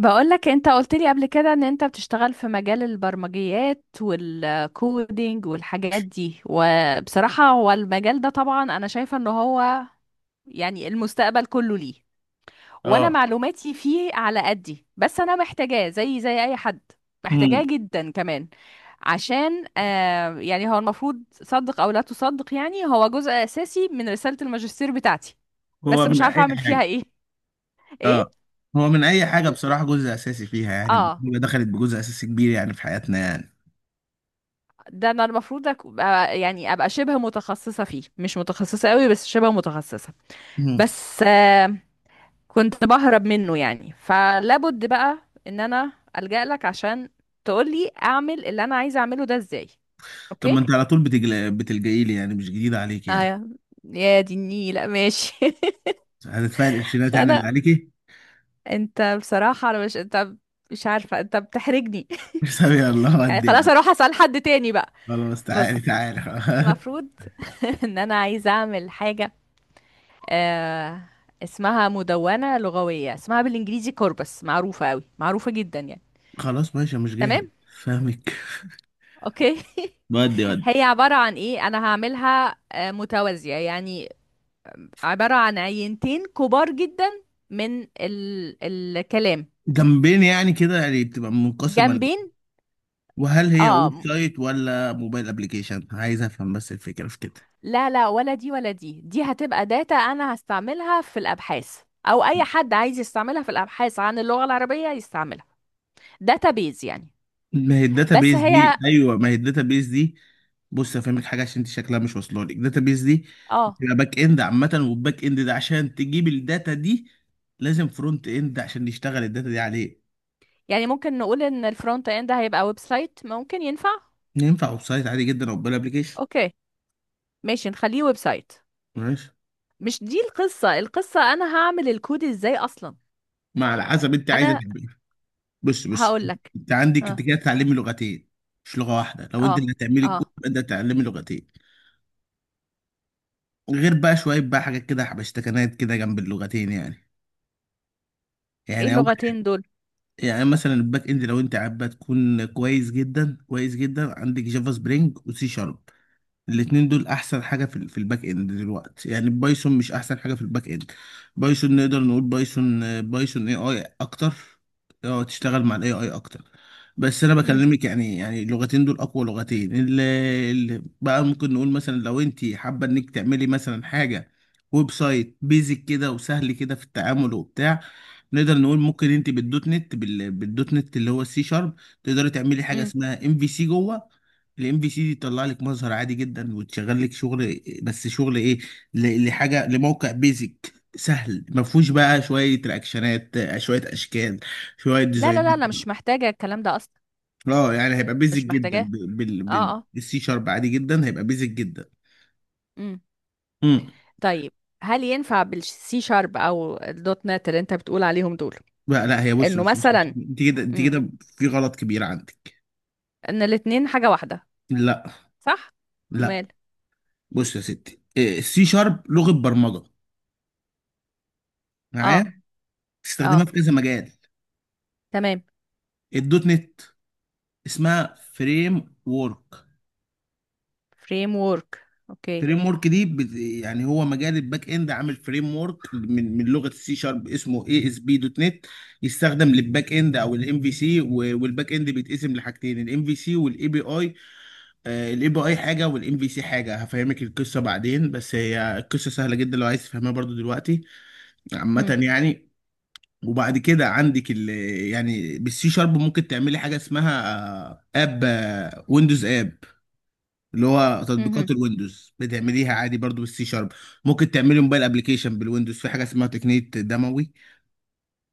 بقولك انت قلت لي قبل كده ان انت بتشتغل في مجال البرمجيات والكودينج والحاجات دي، وبصراحة هو المجال ده طبعا انا شايفة ان هو يعني المستقبل كله ليه. وانا اه. معلوماتي فيه على قدي، بس انا محتاجاه زي اي حد، محتاجاه امم. جدا كمان. عشان يعني هو المفروض، صدق او لا تصدق، يعني هو جزء اساسي من رسالة الماجستير بتاعتي. بس هو من مش عارفة اي اعمل فيها حاجه؟ ايه. ايه. اه، هو من اي حاجه بصراحه جزء اساسي فيها، يعني اه. البرمجه دخلت بجزء اساسي كبير يعني في حياتنا يعني. ده انا المفروض ابقى يعني ابقى شبه متخصصة فيه، مش متخصصة قوي بس شبه متخصصة. مم. بس كنت بهرب منه يعني، فلابد بقى ان انا ألجأ لك عشان تقولي اعمل اللي انا عايزة اعمله ده ازاي. طب ما اوكي. انت على طول بتلجئي لي، يعني مش جديد عليك اه، يعني. يا دي النيلة، ماشي. هتدفعي القرشينات يعني انا اللي عليكي. انت بصراحة انا مش انت، مش عارفة، انت بتحرجني. حسابي الله يعني ودي خلاص يعني. اروح اسأل حد تاني بقى. خلاص، تعالي بص، تعالي. المفروض ان انا عايزة اعمل حاجة آه اسمها مدونة لغوية، اسمها بالانجليزي كوربس، معروفة قوي معروفة جدا يعني. خلاص ماشي، مش جاهل، تمام. فاهمك. اوكي ودي هي ودي. عبارة عن ايه؟ انا هعملها متوازية يعني، عبارة عن عينتين كبار جدا من الكلام. جنبين يعني كده، يعني بتبقى منقسمه لجنب. جنبين. وهل هي اه، ويب سايت ولا موبايل ابلكيشن؟ عايز افهم بس الفكره في كده. لا لا، ولا دي ولا دي، دي هتبقى داتا انا هستعملها في الابحاث، او اي حد عايز يستعملها في الابحاث عن اللغة العربية يستعملها، داتا بيز يعني. ما هي الداتا بس بيز هي، دي؟ ايوه، ما هي الداتا بيز دي؟ بص هفهمك حاجه عشان انت شكلها مش واصله لك. الداتا بيز دي اه، بتبقى باك اند عامه، والباك اند ده عشان تجيب الداتا دي لازم فرونت اند عشان يشتغل الداتا دي عليه. يعني ممكن نقول ان الفرونت اند هيبقى ويب سايت، ممكن ينفع. ينفع ويب سايت عادي جدا او موبايل ابلكيشن. اوكي، ماشي نخليه ويب سايت. ماشي. مش دي القصة، القصة انا هعمل الكود ازاي اصلا؟ ما على حسب انت عايزه انا تعمل. بص بص، هقول لك. انت عندك، اه، انت كده تعلمي لغتين، مش لغه واحده. لو انت اه، اللي هتعملي الكود اه. يبقى انت هتتعلمي لغتين، غير بقى شويه بقى حاجات كده حبشتكنات كده جنب اللغتين يعني. ايه يعني اول، اللغتين دول؟ يعني مثلا الباك اند لو انت حابه تكون كويس جدا كويس جدا، عندك جافا سبرينج وسي شارب. الاتنين دول احسن حاجه في الباك اند دلوقتي. يعني بايثون مش احسن حاجه في الباك اند. بايثون نقدر نقول بايثون بايثون اي اي اكتر. اه، تشتغل مع الاي اي اكتر. بس انا امم بكلمك يعني، يعني اللغتين دول اقوى لغتين اللي اللي بقى. ممكن نقول مثلا لو انت حابه انك تعملي مثلا حاجه ويب سايت بيزك كده وسهل كده في التعامل وبتاع، نقدر نقول ممكن انت بالدوت نت، بالدوت نت اللي هو السي شارب، تقدري تعملي حاجه امم. اسمها ام في سي جوه. الام في سي دي تطلع لك مظهر عادي جدا وتشغل لك شغل، بس شغل ايه؟ لحاجه لموقع بيزك سهل ما فيهوش بقى شويه رياكشنات، شويه اشكال، شويه لا لا ديزاين. لا، انا مش محتاجة الكلام ده اصلا، اه يعني هيبقى بيزك مش جدا، محتاجاه. ب- بال اه، بال- اه، بالسي شارب عادي جدا هيبقى بيزك جدا. امم. امم. طيب، هل ينفع بالسي شارب او الدوت نت اللي انت بتقول عليهم دول، لا لا، هي بص انه بص بص، مثلا، انت كده انت امم، كده في غلط كبير عندك. ان الاتنين حاجة واحدة، لا صح؟ لا. مال. بص يا ستي، السي شارب لغه برمجه اه، معايا، اه، تستخدمها في كذا مجال. تمام. الدوت نت اسمها فريم وورك. فريم ورك، اوكي. فريم وورك دي يعني هو مجال الباك اند عامل فريم وورك من لغه السي شارب اسمه اي اس بي دوت نت، يستخدم للباك اند او الام في سي. والباك اند بيتقسم لحاجتين، الام في سي والاي بي اي. الاي بي اي حاجه والام في سي حاجه، هفهمك القصه بعدين، بس هي القصه سهله جدا لو عايز تفهمها برضو دلوقتي، مم. عامه يعني. وبعد كده عندك ال، يعني بالسي شارب ممكن تعملي حاجه اسمها آه، اب آه، ويندوز اب، اللي هو مهم. تطبيقات الويندوز بتعمليها عادي برضو بالسي شارب. ممكن تعملي موبايل ابلكيشن بالويندوز في حاجه اسمها تقنيه دموي،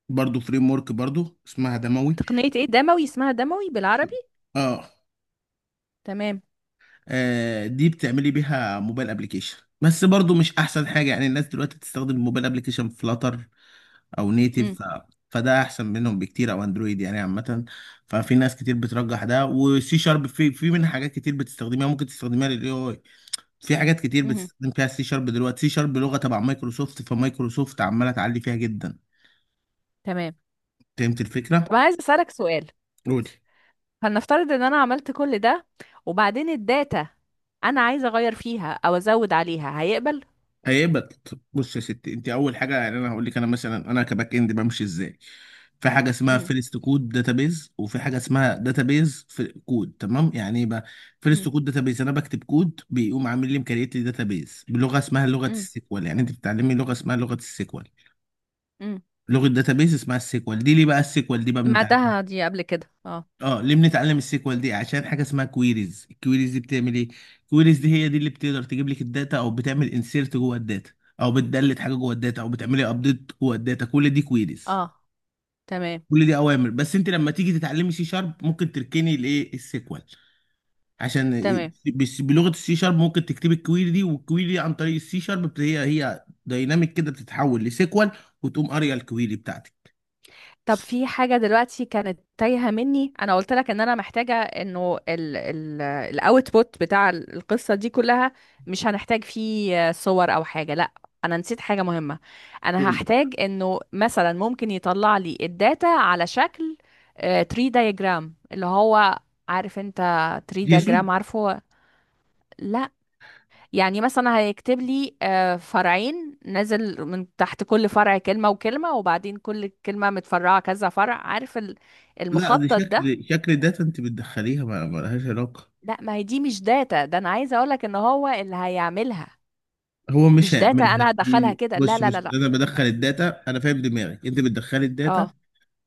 برضو فريم ورك، برضو اسمها دموي. تقنية ايه دموي؟ اسمها دموي بالعربي؟ اه. تمام. دي بتعملي بيها موبايل ابلكيشن بس برضو مش احسن حاجه. يعني الناس دلوقتي بتستخدم الموبايل ابلكيشن فلاتر او مم. نيتيف فده احسن منهم بكتير، او اندرويد يعني عامه. ففي ناس كتير بترجح ده، وسي شارب في منها حاجات كتير بتستخدمها، ممكن تستخدمها للاي اي. في حاجات كتير مهم. بتستخدم فيها سي شارب دلوقتي. سي شارب لغه تبع مايكروسوفت، فمايكروسوفت عماله تعلي فيها جدا. تمام. فهمت طب الفكره؟ انا عايز اسالك سؤال. قول. هنفترض ان انا عملت كل ده، وبعدين الداتا انا عايزه اغير فيها او ازود عليها، هيقبل؟ هيبقى، بص يا ستي، انت اول حاجه يعني انا هقول لك انا مثلا انا كباك اند بمشي ازاي. في حاجه اسمها مم. فيرست كود داتابيز، وفي حاجه اسمها داتابيز في كود. تمام، يعني ايه بقى؟ مم. فيرست كود داتابيز انا بكتب كود بيقوم عامل لي مكريت لي داتابيز بلغه اسمها لغه مم. السيكوال. يعني انت بتتعلمي لغه اسمها لغه السيكوال، مم. لغه داتابيز اسمها السيكوال. دي ليه بقى السيكوال دي بقى بنتعلم؟ سمعتها دي قبل كده، اه. اه، ليه بنتعلم السيكوال دي؟ عشان حاجه اسمها كويريز. الكويريز دي بتعمل ايه؟ الكويريز دي هي دي اللي بتقدر تجيب لك الداتا، او بتعمل انسيرت جوه الداتا، او بتدلت حاجه جوه الداتا، او بتعملي ابديت جوه الداتا. كل دي كويريز، اه، تمام. كل دي اوامر. بس انت لما تيجي تتعلمي سي شارب ممكن تركني الايه السيكوال عشان، تمام. بس بلغه السي شارب ممكن تكتبي الكويري دي، والكويري دي عن طريق السي شارب هي هي دايناميك كده بتتحول لسيكوال، وتقوم قاريه الكويري بتاعتك. طب في حاجة دلوقتي كانت تايهة مني، انا قلت لك ان انا محتاجة انه ال الاوتبوت بتاع القصة دي كلها، مش هنحتاج فيه صور او حاجة، لا. انا نسيت حاجة مهمة. انا قولي. هحتاج انه مثلا ممكن يطلع لي الداتا على شكل تري دايجرام، اللي هو، عارف انت تري جيسون. دايجرام؟ عارفه؟ لا. يعني مثلا هيكتب لي فرعين نازل من تحت، كل فرع كلمة وكلمة، وبعدين كل كلمة متفرعة كذا فرع، عارف لا، دي المخطط ده؟ شكل شكل داتا انت بتدخليها، ما لهاش علاقه. لا، ما هي دي مش داتا، ده انا عايزة اقولك ان هو اللي هيعملها، هو مش مش داتا هيعملها انا هدخلها دي، كده، لا بص لا بص، لا لا. انا بدخل الداتا، انا فاهم دماغك، انت بتدخلي الداتا اه.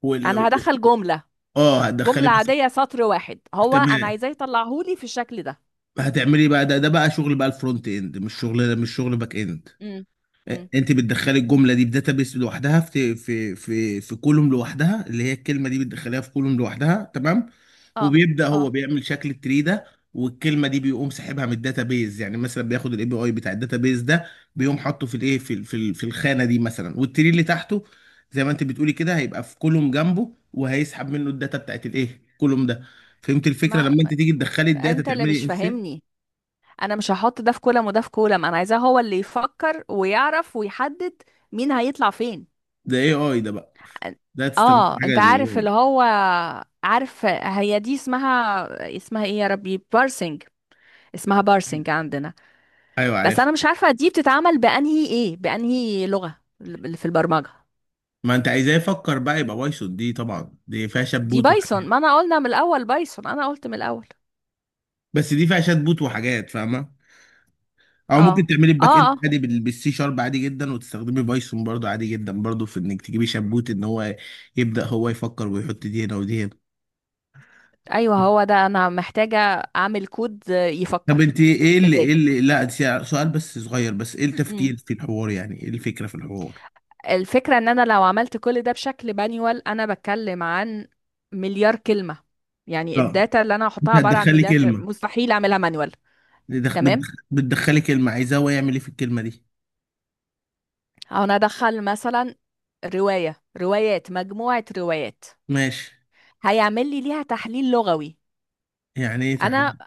وال، انا هدخل جملة، اه، هتدخلي جملة بس. عادية سطر واحد، هو انا تمام، عايزاه يطلعهولي في الشكل ده. هتعملي بقى ده، ده بقى شغل بقى الفرونت اند، مش شغل، مش شغل باك اند. امم امم. انت بتدخلي الجمله دي في داتابيس لوحدها، في كولوم لوحدها، اللي هي الكلمه دي بتدخليها في كولوم لوحدها. تمام. اه، وبيبدا اه. هو بيعمل شكل التري ده، والكلمه دي بيقوم ساحبها من الداتابيز. يعني مثلا بياخد الاي بي اي بتاع الداتابيز ده، بيقوم حاطه في الايه في الخانه دي مثلا، والتري اللي تحته زي ما انت بتقولي كده، هيبقى في كولوم جنبه، وهيسحب منه الداتا بتاعت الايه كولوم ده. فهمت الفكره؟ ما لما انت تيجي تدخلي الداتا انت اللي مش تعملي انسert. فاهمني، انا مش هحط ده في كولم وده في كولم، انا عايزاه هو اللي يفكر ويعرف ويحدد مين هيطلع فين. ده اي اي ده بقى، ده تستخدم اه، حاجه انت لل عارف AI. اللي هو، عارف، هي دي اسمها اسمها ايه يا ربي؟ بارسنج، اسمها بارسنج عندنا. ايوه بس عارف. انا مش عارفة دي بتتعمل بانهي ايه، بانهي لغة اللي في البرمجة. ما انت عايزاه يفكر بقى، يبقى بايثون، دي طبعا دي فيها شات دي بوت وحاجات. بايثون، ما انا قلنا من الاول بايثون، انا قلت من الاول. بس دي فيها شات بوت وحاجات، فاهمه. او اه، ممكن تعملي الباك اند اه، اه، عادي بالسي شارب عادي جدا، وتستخدمي بايثون برضو عادي جدا، برضو في انك تجيبي شات بوت، ان هو يبدا هو يفكر ويحط دي هنا ودي هنا. ايوه، هو ده انا محتاجة، اعمل كود طب يفكر انت ايه اللي، بدالي. ايه اللي، لا سؤال بس صغير، بس ايه التفكير في الحوار؟ يعني ايه الفكره في الحوار؟ الفكرة ان انا لو عملت كل ده بشكل بانيوال، انا بتكلم عن مليار كلمة، يعني اه، الداتا اللي انا هحطها انت عبارة عن هتدخلي مليار كلمة، كلمه، مستحيل اعملها مانيوال. بتدخ- بتدخ- تمام. بتدخلي كلمه، عايزاه هو يعمل ايه في الكلمه دي. او انا ادخل مثلا رواية، روايات، مجموعة روايات، ماشي. هيعمل لي ليها تحليل لغوي. يعني ايه انا. تحليل؟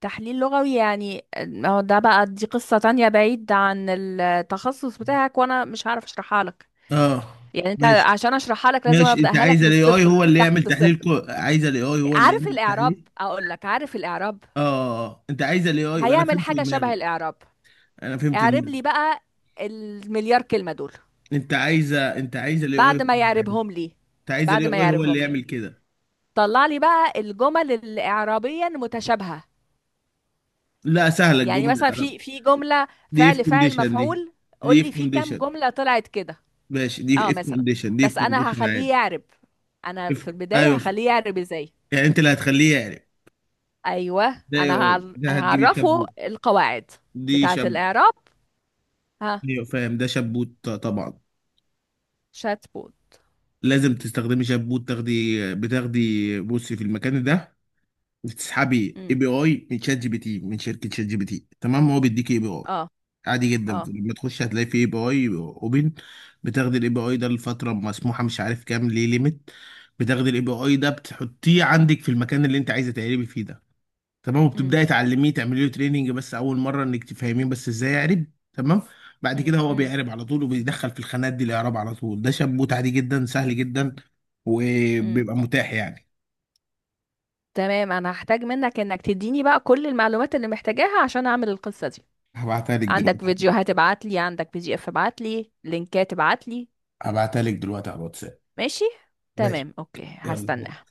تحليل لغوي يعني، ما هو ده بقى دي قصة تانية بعيد عن التخصص بتاعك، وانا مش هعرف اشرحها لك، اه. يعني انت ماشي عشان اشرحها لك لازم ماشي، انت ابداها عايز لك من الاي اي الصفر، من هو اللي يعمل تحت الصفر. عايز الاي اي هو اللي عارف يعمل الإعراب؟ التحليل. أقول لك عارف الإعراب. اه. انت عايز الاي اي، انا هيعمل فهمت حاجة شبه دماغي. الإعراب. انا فهمت اعرب دماغي. لي بقى المليار كلمة دول. انت عايزه، انت عايز الاي اي هو بعد ما اللي يعمل، يعربهم لي، انت عايز بعد الاي ما اي هو اللي يعربهم لي يعمل كده. طلع لي بقى الجمل اللي إعرابيا متشابهة. لا سهله يعني الجمله مثلا العرب. في جملة دي اف فعل فاعل كونديشن دي. مفعول، دي قول اف لي في كام كونديشن، جملة طلعت كده. ماشي، دي اه اف مثلا. كونديشن، دي اف بس أنا كونديشن هخليه عادي. يعرب، أنا اف، في البداية ايوه. هخليه يعرب إزاي؟ يعني انت اللي هتخليه يعرف. أيوه، ده اي أنا اي ده، هتجيبي هعرفه شبوت. القواعد دي بتاعة شب، الإعراب. ها. ايوه فاهم، ده شبوت، طبعا. شات. لازم تستخدمي شامبو، تاخدي، بتاخدي، بصي في المكان ده بتسحبي اي امم. بي اي من شات جي بي تي، من شركه شات جي بي تي. تمام، هو بيديكي اي بي اي اه، عادي جدا. اه. لما تخش هتلاقي في اي بي اي اوبن، بتاخدي الاي بي اي ده لفتره مسموحه مش عارف كام ليه ليميت. بتاخدي الاي بي اي ده بتحطيه عندك في المكان اللي انت عايزه تقلبي فيه ده. تمام. امم وبتبداي تعلميه، تعملي له تريننج بس اول مره، انك تفهميه بس ازاي يعرب. تمام. بعد كده امم. هو بيعرب على طول، وبيدخل في الخانات دي الاعراب على طول. ده شابوت عادي جدا، سهل جدا، امم. وبيبقى متاح يعني. تمام، انا هحتاج منك انك تديني بقى كل المعلومات اللي محتاجاها عشان اعمل القصة دي. هبعتها لك عندك دلوقتي. فيديوهات؟ ابعت لي. عندك PDF؟ ابعت لي. لينكات؟ ابعت لي. هبعتها لك دلوقتي على الواتساب. ماشي. ماشي. تمام، اوكي، يلا. هستناها.